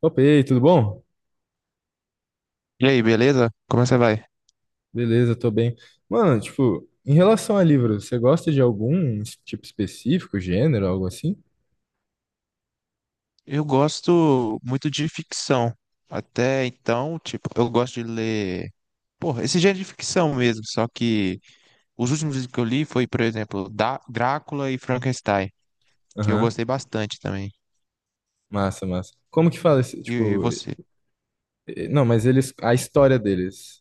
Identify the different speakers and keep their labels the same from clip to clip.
Speaker 1: Opa, e aí, tudo bom?
Speaker 2: E aí, beleza? Como você vai?
Speaker 1: Beleza, tô bem. Mano, tipo, em relação a livro, você gosta de algum tipo específico, gênero, algo assim?
Speaker 2: Eu gosto muito de ficção. Até então, tipo, eu gosto de ler, porra, esse gênero de ficção mesmo, só que os últimos livros que eu li foi, por exemplo, da Drácula e Frankenstein, que eu
Speaker 1: Aham.
Speaker 2: gostei bastante também.
Speaker 1: Massa, massa. Como que fala esse,
Speaker 2: E
Speaker 1: tipo,
Speaker 2: você?
Speaker 1: não, mas eles, a história deles,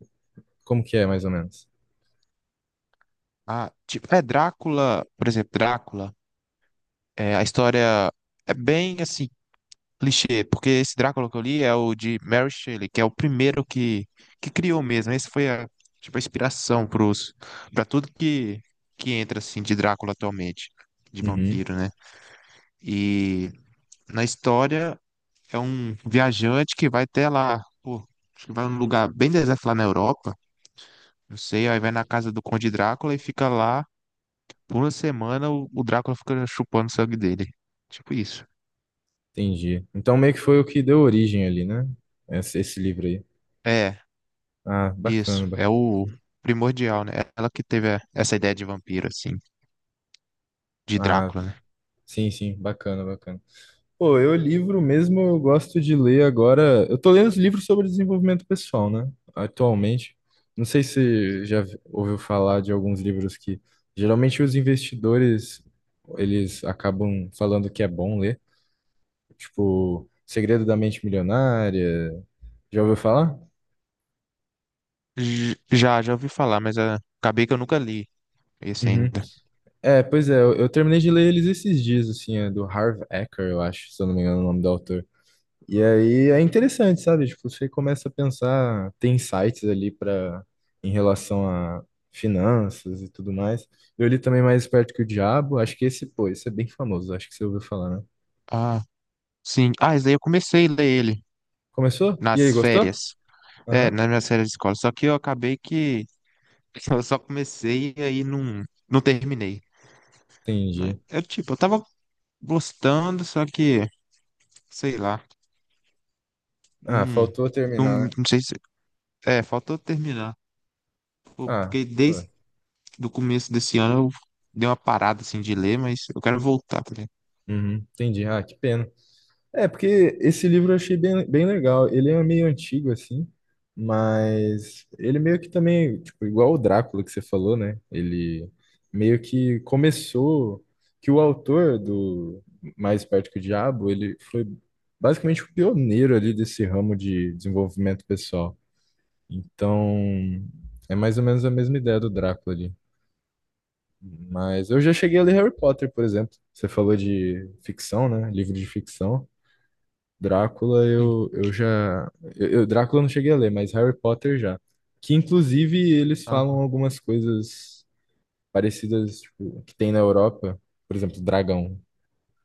Speaker 1: como que é, mais ou menos?
Speaker 2: Ah, tipo, é Drácula, por exemplo, Drácula, é, a história é bem assim clichê, porque esse Drácula que eu li é o de Mary Shelley, que é o primeiro que criou mesmo. Esse foi a, tipo, a inspiração pra tudo que entra, assim, de Drácula atualmente, de
Speaker 1: Uhum.
Speaker 2: vampiro, né? E na história é um viajante que vai até lá, pô, acho que vai num lugar bem deserto lá na Europa, não sei, aí vai na casa do Conde Drácula e fica lá por uma semana, o Drácula fica chupando o sangue dele. Tipo isso.
Speaker 1: Entendi. Então meio que foi o que deu origem ali, né? Esse livro aí.
Speaker 2: É.
Speaker 1: Ah,
Speaker 2: Isso,
Speaker 1: bacana,
Speaker 2: é o primordial, né? Ela que teve essa ideia de vampiro, assim, de
Speaker 1: bacana.
Speaker 2: Drácula, né?
Speaker 1: Sim, sim, bacana, bacana. Pô, eu livro mesmo, eu gosto de ler agora. Eu tô lendo os livros sobre desenvolvimento pessoal, né? Atualmente. Não sei se ouviu falar de alguns livros que geralmente os investidores eles acabam falando que é bom ler, tipo Segredo da Mente Milionária. Já ouviu falar?
Speaker 2: Já ouvi falar, mas acabei que eu nunca li esse
Speaker 1: Uhum.
Speaker 2: ainda.
Speaker 1: É, pois é, eu terminei de ler eles esses dias, assim, é do Harv Eker, eu acho, se eu não me engano, é o nome do autor. E aí é interessante, sabe? Tipo, você começa a pensar, tem sites ali para em relação a finanças e tudo mais. Eu li também Mais Esperto que o Diabo, acho que esse, pô, esse é bem famoso, acho que você ouviu falar, né?
Speaker 2: Ah, sim. Ah, esse daí eu comecei a ler ele
Speaker 1: Começou? E aí,
Speaker 2: nas
Speaker 1: gostou?
Speaker 2: férias. É,
Speaker 1: Aham,
Speaker 2: nas minhas férias de escola. Só que eu acabei que eu só comecei e aí não terminei. Mas
Speaker 1: entendi.
Speaker 2: eu, tipo, eu tava gostando, só que, sei lá,
Speaker 1: Ah,
Speaker 2: não,
Speaker 1: faltou
Speaker 2: não,
Speaker 1: terminar, né?
Speaker 2: não sei se. É, faltou terminar. Pô,
Speaker 1: Ah,
Speaker 2: porque desde
Speaker 1: foi.
Speaker 2: do começo desse ano eu dei uma parada assim de ler, mas eu quero voltar, tá ligado?
Speaker 1: Uhum, entendi. Ah, que pena. É, porque esse livro eu achei bem, bem legal. Ele é meio antigo, assim, mas ele meio que também, tipo, igual o Drácula que você falou, né? Ele meio que começou, que o autor do Mais Perto que o Diabo, ele foi basicamente o pioneiro ali desse ramo de desenvolvimento pessoal. Então, é mais ou menos a mesma ideia do Drácula ali. Mas eu já cheguei a ler Harry Potter, por exemplo. Você falou de ficção, né? Livro de ficção. Drácula
Speaker 2: Sim.
Speaker 1: eu já. Drácula eu não cheguei a ler, mas Harry Potter já. Que inclusive eles
Speaker 2: Ah,
Speaker 1: falam algumas coisas parecidas, tipo, que tem na Europa. Por exemplo, dragão,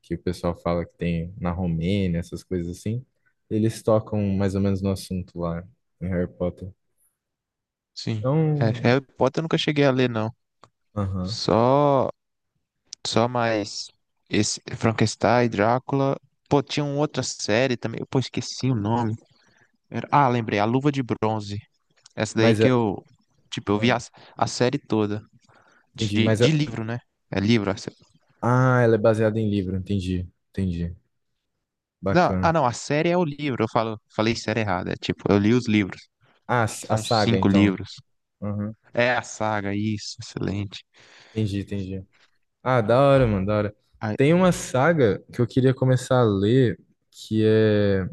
Speaker 1: que o pessoal fala que tem na Romênia, essas coisas assim. Eles tocam mais ou menos no assunto lá em Harry Potter.
Speaker 2: sim. É,
Speaker 1: Então.
Speaker 2: Harry Potter eu nunca cheguei a ler, não.
Speaker 1: Aham.
Speaker 2: Só, só mais esse Frankenstein, Drácula. Pô, tinha uma outra série também. Pô, esqueci o nome. Ah, lembrei, A Luva de Bronze. Essa daí
Speaker 1: Mas
Speaker 2: que
Speaker 1: é.
Speaker 2: eu, tipo, eu vi
Speaker 1: Ah.
Speaker 2: a série toda.
Speaker 1: Entendi.
Speaker 2: De,
Speaker 1: Mas é.
Speaker 2: de livro, né? É livro.
Speaker 1: Ah, ela é baseada em livro. Entendi. Entendi.
Speaker 2: Não,
Speaker 1: Bacana.
Speaker 2: não, a série é o livro. Eu falei série errada. É tipo, eu li os livros.
Speaker 1: Ah, a
Speaker 2: São
Speaker 1: saga,
Speaker 2: cinco
Speaker 1: então.
Speaker 2: livros.
Speaker 1: Aham.
Speaker 2: É a saga, isso, excelente.
Speaker 1: Entendi, entendi. Ah, da hora, mano, da hora.
Speaker 2: Ai,
Speaker 1: Tem uma saga que eu queria começar a ler, que é.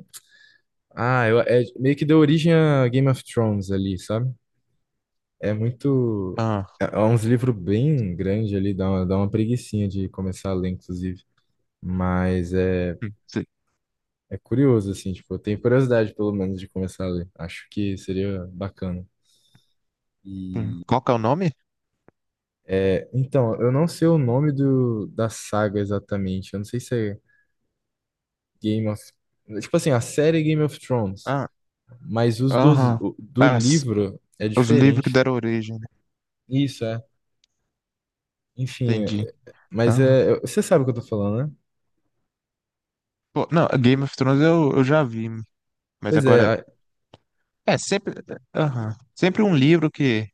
Speaker 1: Ah, é meio que deu origem a Game of Thrones ali, sabe? É muito.
Speaker 2: ah,
Speaker 1: É é uns livros bem grandes ali, dá uma preguicinha de começar a ler, inclusive. Mas é,
Speaker 2: se-
Speaker 1: é curioso, assim, tipo, eu tenho curiosidade, pelo menos, de começar a ler. Acho que seria bacana. E.
Speaker 2: qual que é o nome?
Speaker 1: É, então, eu não sei o nome do, da saga exatamente. Eu não sei se é. Game of... Tipo assim, a série Game of Thrones,
Speaker 2: Ah,
Speaker 1: mas
Speaker 2: aham.
Speaker 1: do
Speaker 2: Ah, s-
Speaker 1: livro é
Speaker 2: os livros que
Speaker 1: diferente.
Speaker 2: deram origem, né?
Speaker 1: Isso, é. Enfim,
Speaker 2: Entendi.
Speaker 1: é- mas
Speaker 2: Aham.
Speaker 1: é... Você sabe o que eu tô falando, né?
Speaker 2: Pô, não, Game of Thrones eu já vi, mas
Speaker 1: Pois é.
Speaker 2: agora.
Speaker 1: A.
Speaker 2: É, sempre. Aham. Sempre um livro que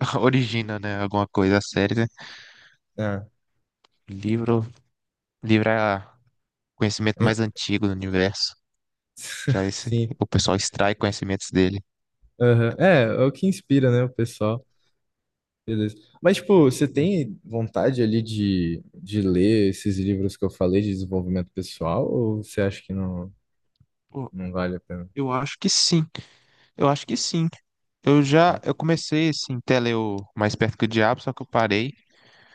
Speaker 2: origina, né? Alguma coisa, a série, né? Livro, livro é o conhecimento
Speaker 1: É, é,
Speaker 2: mais antigo do universo. Já esse,
Speaker 1: sim.
Speaker 2: o pessoal extrai conhecimentos dele.
Speaker 1: Aham. É, é o que inspira, né, o pessoal. Beleza. Mas, tipo, você tem vontade ali de ler esses livros que eu falei de desenvolvimento pessoal ou você acha que não,
Speaker 2: Pô,
Speaker 1: não vale a pena?
Speaker 2: eu acho que sim. Eu acho que sim. Eu já,
Speaker 1: Hã?
Speaker 2: eu comecei assim, até ler o Mais Perto que o Diabo, só que eu parei.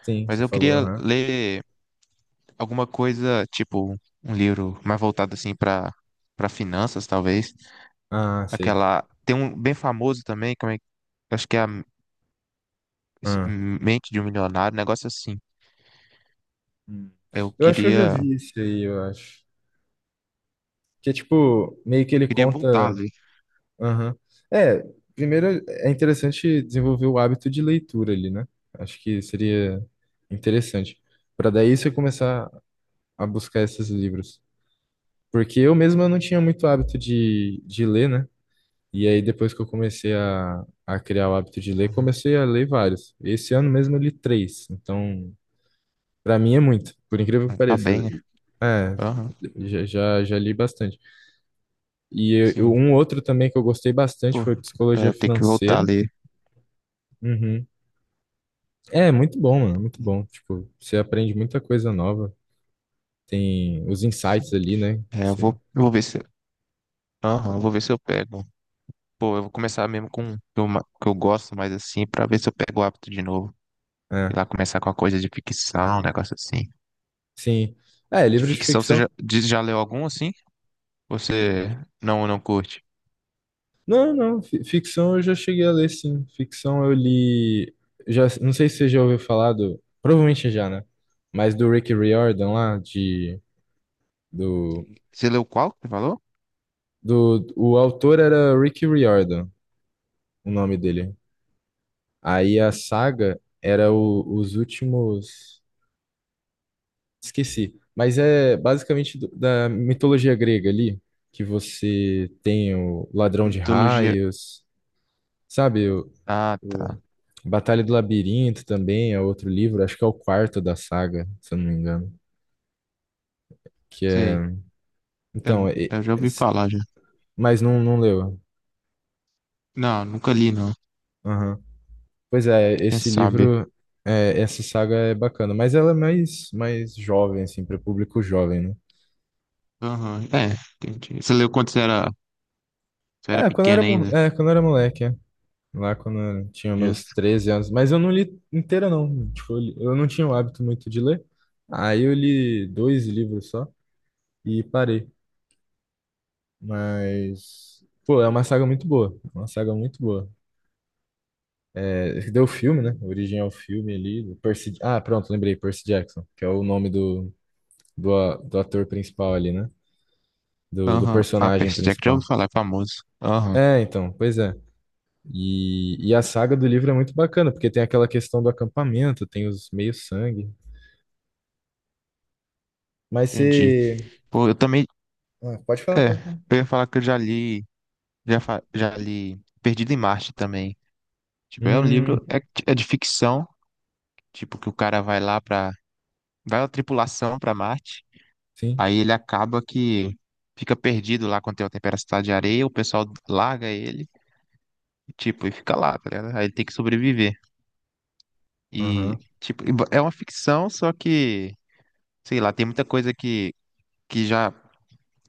Speaker 1: Sim,
Speaker 2: Mas
Speaker 1: você
Speaker 2: eu
Speaker 1: falou,
Speaker 2: queria
Speaker 1: aham.
Speaker 2: ler alguma coisa, tipo um livro mais voltado assim para finanças, talvez.
Speaker 1: Ah, sei.
Speaker 2: Aquela tem um bem famoso também, como é, acho que é a Mente de um Milionário, um negócio assim.
Speaker 1: Hum.
Speaker 2: Eu
Speaker 1: Eu acho que eu já
Speaker 2: queria
Speaker 1: vi isso aí, eu acho. Que é tipo, meio que ele
Speaker 2: Queria voltar
Speaker 1: conta.
Speaker 2: ali.
Speaker 1: Aham. É, primeiro é interessante desenvolver o hábito de leitura ali, né? Acho que seria interessante. Para daí você começar a buscar esses livros. Porque eu mesmo eu não tinha muito hábito de ler, né? E aí depois que eu comecei a criar o hábito de ler,
Speaker 2: Uhum.
Speaker 1: comecei a ler vários. Esse ano mesmo eu li três. Então, para mim é muito, por incrível que
Speaker 2: Mas tá
Speaker 1: pareça.
Speaker 2: bem, né?
Speaker 1: É,
Speaker 2: Aham,
Speaker 1: já, já já li bastante.
Speaker 2: sim.
Speaker 1: Um outro também que eu gostei bastante
Speaker 2: Pô,
Speaker 1: foi
Speaker 2: é,
Speaker 1: Psicologia
Speaker 2: eu tenho que voltar
Speaker 1: Financeira.
Speaker 2: ali.
Speaker 1: Uhum. É, muito bom, mano, muito bom. Tipo, você aprende muita coisa nova. Tem os insights ali, né?
Speaker 2: É, eu
Speaker 1: Você-
Speaker 2: vou, eu vou ver se, aham, eu vou ver se eu pego. Pô, eu vou começar mesmo com o que eu, que eu gosto mais assim, pra ver se eu pego o hábito de novo. E
Speaker 1: é,
Speaker 2: lá, começar com uma coisa de ficção, um negócio assim.
Speaker 1: sim. É,
Speaker 2: De
Speaker 1: livro de
Speaker 2: ficção, você
Speaker 1: ficção.
Speaker 2: já, de- já leu algum assim? Você não curte?
Speaker 1: Não, não, ficção eu já cheguei a ler, sim. Ficção eu li. Já, não sei se você já ouviu falar do. Provavelmente já, né? Mas do Rick Riordan lá, de. Do,
Speaker 2: Você leu qual que você falou?
Speaker 1: do, o autor era Rick Riordan, o nome dele. Aí a saga era os últimos. Esqueci. Mas é basicamente da mitologia grega ali, que você tem o Ladrão de
Speaker 2: Mitologia.
Speaker 1: Raios, sabe?
Speaker 2: Ah,
Speaker 1: O
Speaker 2: tá.
Speaker 1: Batalha do Labirinto também é outro livro, acho que é o quarto da saga, se eu não me engano. Que é.
Speaker 2: Sei. Eu,
Speaker 1: Então,
Speaker 2: eu já ouvi falar já.
Speaker 1: mas não, não leu.
Speaker 2: Não, nunca li, não.
Speaker 1: Aham. Pois é,
Speaker 2: Quem
Speaker 1: esse
Speaker 2: sabe?
Speaker 1: livro, é, essa saga é bacana, mas ela é mais, mais jovem, assim, para público jovem, né?
Speaker 2: Aham, é, entendi. Você leu quando você era
Speaker 1: É, quando eu era,
Speaker 2: pequena ainda?
Speaker 1: é, quando eu era moleque, é. Lá quando eu tinha meus
Speaker 2: Justo.
Speaker 1: 13 anos. Mas eu não li inteira, não. Tipo, eu, eu não tinha o hábito muito de ler. Aí eu li dois livros só e parei. Mas, pô, é uma saga muito boa. Uma saga muito boa. É, deu filme, né? O original filme ali. Do Percy, ah, pronto, lembrei. Percy Jackson, que é o nome do, do ator principal ali, né? Do
Speaker 2: Aham. Ah,
Speaker 1: personagem
Speaker 2: Percy Jackson, já ouvi
Speaker 1: principal.
Speaker 2: falar, é famoso. Aham,
Speaker 1: É, então, pois é. E a saga do livro é muito bacana, porque tem aquela questão do acampamento, tem os meio-sangue. Mas
Speaker 2: entendi.
Speaker 1: você.
Speaker 2: Pô, eu também.
Speaker 1: Ah, pode falar,
Speaker 2: É,
Speaker 1: pode falar.
Speaker 2: eu ia falar que eu já li. Já li Perdido em Marte também. Tipo, é um
Speaker 1: Hum,
Speaker 2: livro, é de ficção, tipo, que o cara vai lá pra. Vai uma tripulação pra Marte,
Speaker 1: sim.
Speaker 2: aí ele acaba que fica perdido lá quando tem uma tempestade de areia, o pessoal larga ele, tipo, e fica lá, tá ligado? Aí ele tem que sobreviver. E,
Speaker 1: Aham.
Speaker 2: tipo, e ba- é uma ficção, só que, sei lá, tem muita coisa que já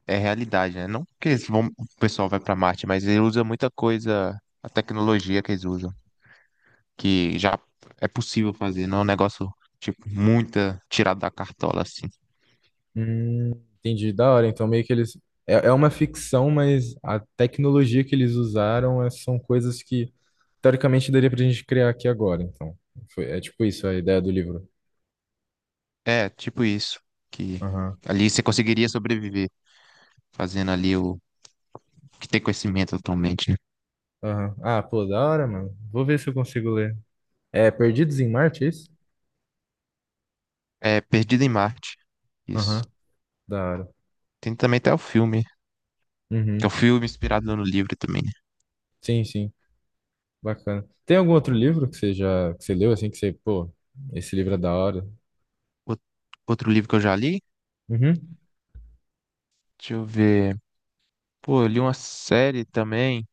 Speaker 2: é realidade, né? Não que eles vão, o pessoal vai pra Marte, mas ele usa muita coisa, a tecnologia que eles usam. Que já é possível fazer, não é um negócio, tipo, muita tirada da cartola, assim.
Speaker 1: Hum, entendi. Da hora. Então, meio que eles. É, é uma ficção, mas a tecnologia que eles usaram são coisas que, teoricamente, daria pra gente criar aqui agora. Então, foi, é tipo isso a ideia do livro.
Speaker 2: É, tipo isso, que
Speaker 1: Aham.
Speaker 2: ali você conseguiria sobreviver fazendo ali o que tem conhecimento atualmente, né?
Speaker 1: Aham. Ah, pô, da hora, mano. Vou ver se eu consigo ler. É Perdidos em Marte, é isso?
Speaker 2: É Perdido em Marte, isso.
Speaker 1: Aham. Da hora.
Speaker 2: Tem também até o filme, que é o
Speaker 1: Uhum.
Speaker 2: filme inspirado no livro também, né?
Speaker 1: Sim, sim. Bacana. Tem algum outro livro que você já que você leu assim que você, pô, esse livro é da hora?
Speaker 2: Out- Outro livro que eu já li,
Speaker 1: Uhum.
Speaker 2: deixa eu ver. Pô, eu li uma série também.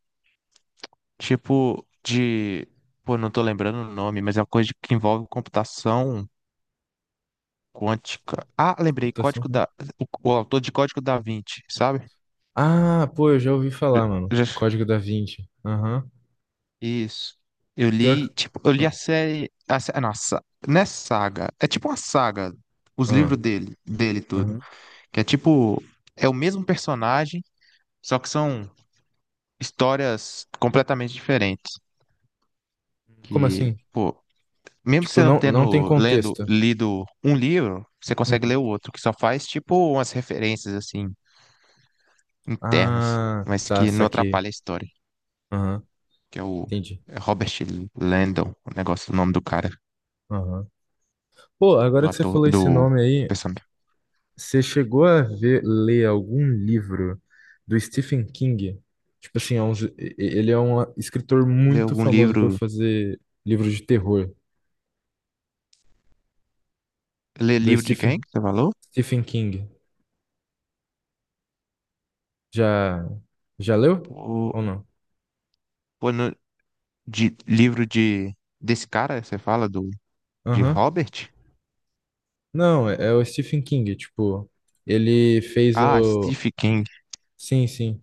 Speaker 2: Tipo de. Pô, não tô lembrando o nome, mas é uma coisa que envolve computação quântica. Ah, lembrei,
Speaker 1: Computação.
Speaker 2: Código
Speaker 1: Né?
Speaker 2: da. O, o autor de Código da Vinci, sabe?
Speaker 1: Ah, pô, eu já ouvi
Speaker 2: Já-
Speaker 1: falar, mano.
Speaker 2: já-
Speaker 1: Código da Vinci. Aham.
Speaker 2: Isso. Eu
Speaker 1: Pior que...
Speaker 2: li, tipo, eu li
Speaker 1: Ah,
Speaker 2: a série. Não, não é saga. É tipo uma saga. Os
Speaker 1: ah,
Speaker 2: livros dele tudo.
Speaker 1: aham.
Speaker 2: Que é tipo. É o mesmo personagem, só que são histórias completamente diferentes.
Speaker 1: Como
Speaker 2: Que,
Speaker 1: assim?
Speaker 2: pô, mesmo
Speaker 1: Tipo,
Speaker 2: você não
Speaker 1: não, não tem
Speaker 2: tendo lendo,
Speaker 1: contexto.
Speaker 2: lido um livro, você consegue
Speaker 1: Hum.
Speaker 2: ler o outro, que só faz tipo umas referências assim internas,
Speaker 1: Ah,
Speaker 2: mas
Speaker 1: tá,
Speaker 2: que não
Speaker 1: saquei.
Speaker 2: atrapalha a história,
Speaker 1: Aham,
Speaker 2: que é o
Speaker 1: entendi.
Speaker 2: é Robert Landon, o negócio, o nome do cara,
Speaker 1: Aham. Pô,
Speaker 2: do
Speaker 1: agora que você
Speaker 2: ator,
Speaker 1: falou
Speaker 2: do
Speaker 1: esse nome aí,
Speaker 2: personagem.
Speaker 1: você chegou a ver, ler algum livro do Stephen King? Tipo assim, é um ele é um escritor
Speaker 2: Lê
Speaker 1: muito
Speaker 2: algum
Speaker 1: famoso por
Speaker 2: livro,
Speaker 1: fazer livros de terror,
Speaker 2: lê
Speaker 1: do
Speaker 2: livro de quem
Speaker 1: Stephen,
Speaker 2: que você falou?
Speaker 1: Stephen King. Já, já leu?
Speaker 2: Pô,
Speaker 1: Ou não?
Speaker 2: pô, de livro de desse cara, você fala do de
Speaker 1: Aham.
Speaker 2: Robert?
Speaker 1: Não, é, é o Stephen King, tipo, ele fez
Speaker 2: Ah,
Speaker 1: o...
Speaker 2: Stephen King.
Speaker 1: Sim, sim.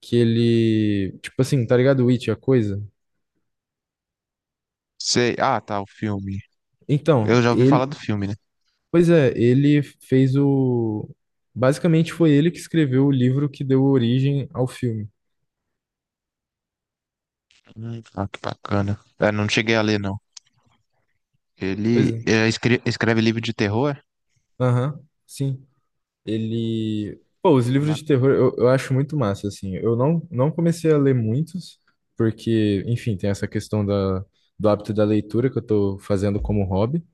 Speaker 1: Que ele... Tipo assim, tá ligado? It, a coisa?
Speaker 2: Sei, tá, o filme. Eu
Speaker 1: Então,
Speaker 2: já ouvi falar
Speaker 1: ele,
Speaker 2: do filme.
Speaker 1: pois é, ele fez o. Basicamente foi ele que escreveu o livro que deu origem ao filme.
Speaker 2: Que bacana. É, não cheguei a ler, não.
Speaker 1: Pois
Speaker 2: Ele
Speaker 1: é.
Speaker 2: é, escreve livro de terror?
Speaker 1: Aham, sim. Ele. Pô, os
Speaker 2: É?
Speaker 1: livros de
Speaker 2: Bacana.
Speaker 1: terror eu acho muito massa, assim. Eu não, não comecei a ler muitos, porque, enfim, tem essa questão da, do hábito da leitura que eu tô fazendo como hobby.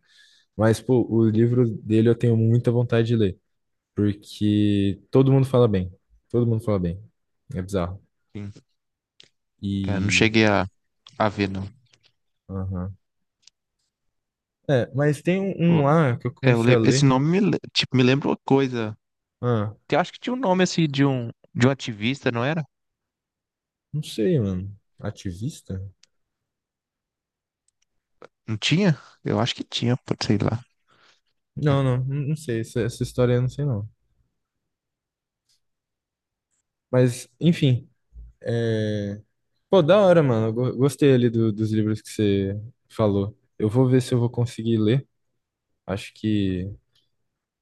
Speaker 1: Mas, pô, o livro dele eu tenho muita vontade de ler, porque todo mundo fala bem. Todo mundo fala bem. É bizarro.
Speaker 2: Sim. É, não
Speaker 1: E.
Speaker 2: cheguei a ver, não.
Speaker 1: Aham. É, mas tem um, um
Speaker 2: Pô,
Speaker 1: lá que eu
Speaker 2: é, eu
Speaker 1: comecei a
Speaker 2: le- Esse
Speaker 1: ler.
Speaker 2: nome me, le- tipo, me lembra uma coisa.
Speaker 1: Ah,
Speaker 2: Eu acho que tinha um nome assim de um ativista, não era?
Speaker 1: não sei, mano. Ativista?
Speaker 2: Não tinha? Eu acho que tinha, pô, sei lá.
Speaker 1: Não, não, não sei. Essa história eu não sei, não. Mas, enfim. É... Pô, da hora, mano. Eu gostei ali dos livros que você falou. Eu vou ver se eu vou conseguir ler. Acho que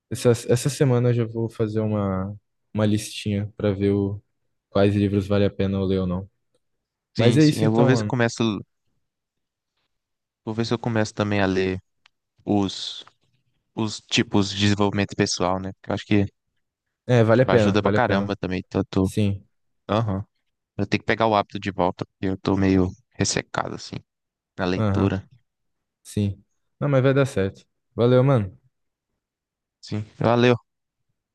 Speaker 1: essa semana eu já vou fazer uma listinha pra ver o, quais livros vale a pena eu ler ou não. Mas
Speaker 2: Sim,
Speaker 1: é
Speaker 2: sim.
Speaker 1: isso
Speaker 2: Eu vou
Speaker 1: então,
Speaker 2: ver se
Speaker 1: mano.
Speaker 2: começo, vou ver se eu começo também a ler os, os tipos de desenvolvimento pessoal, né? Porque eu acho que
Speaker 1: É, vale a
Speaker 2: tipo,
Speaker 1: pena,
Speaker 2: ajuda pra
Speaker 1: vale a pena.
Speaker 2: caramba também. Então eu tô,
Speaker 1: Sim,
Speaker 2: aham. Eu tenho que pegar o hábito de volta, porque eu tô meio ressecado assim na
Speaker 1: aham,
Speaker 2: leitura.
Speaker 1: sim. Não, mas vai dar certo. Valeu, mano.
Speaker 2: Sim. Valeu.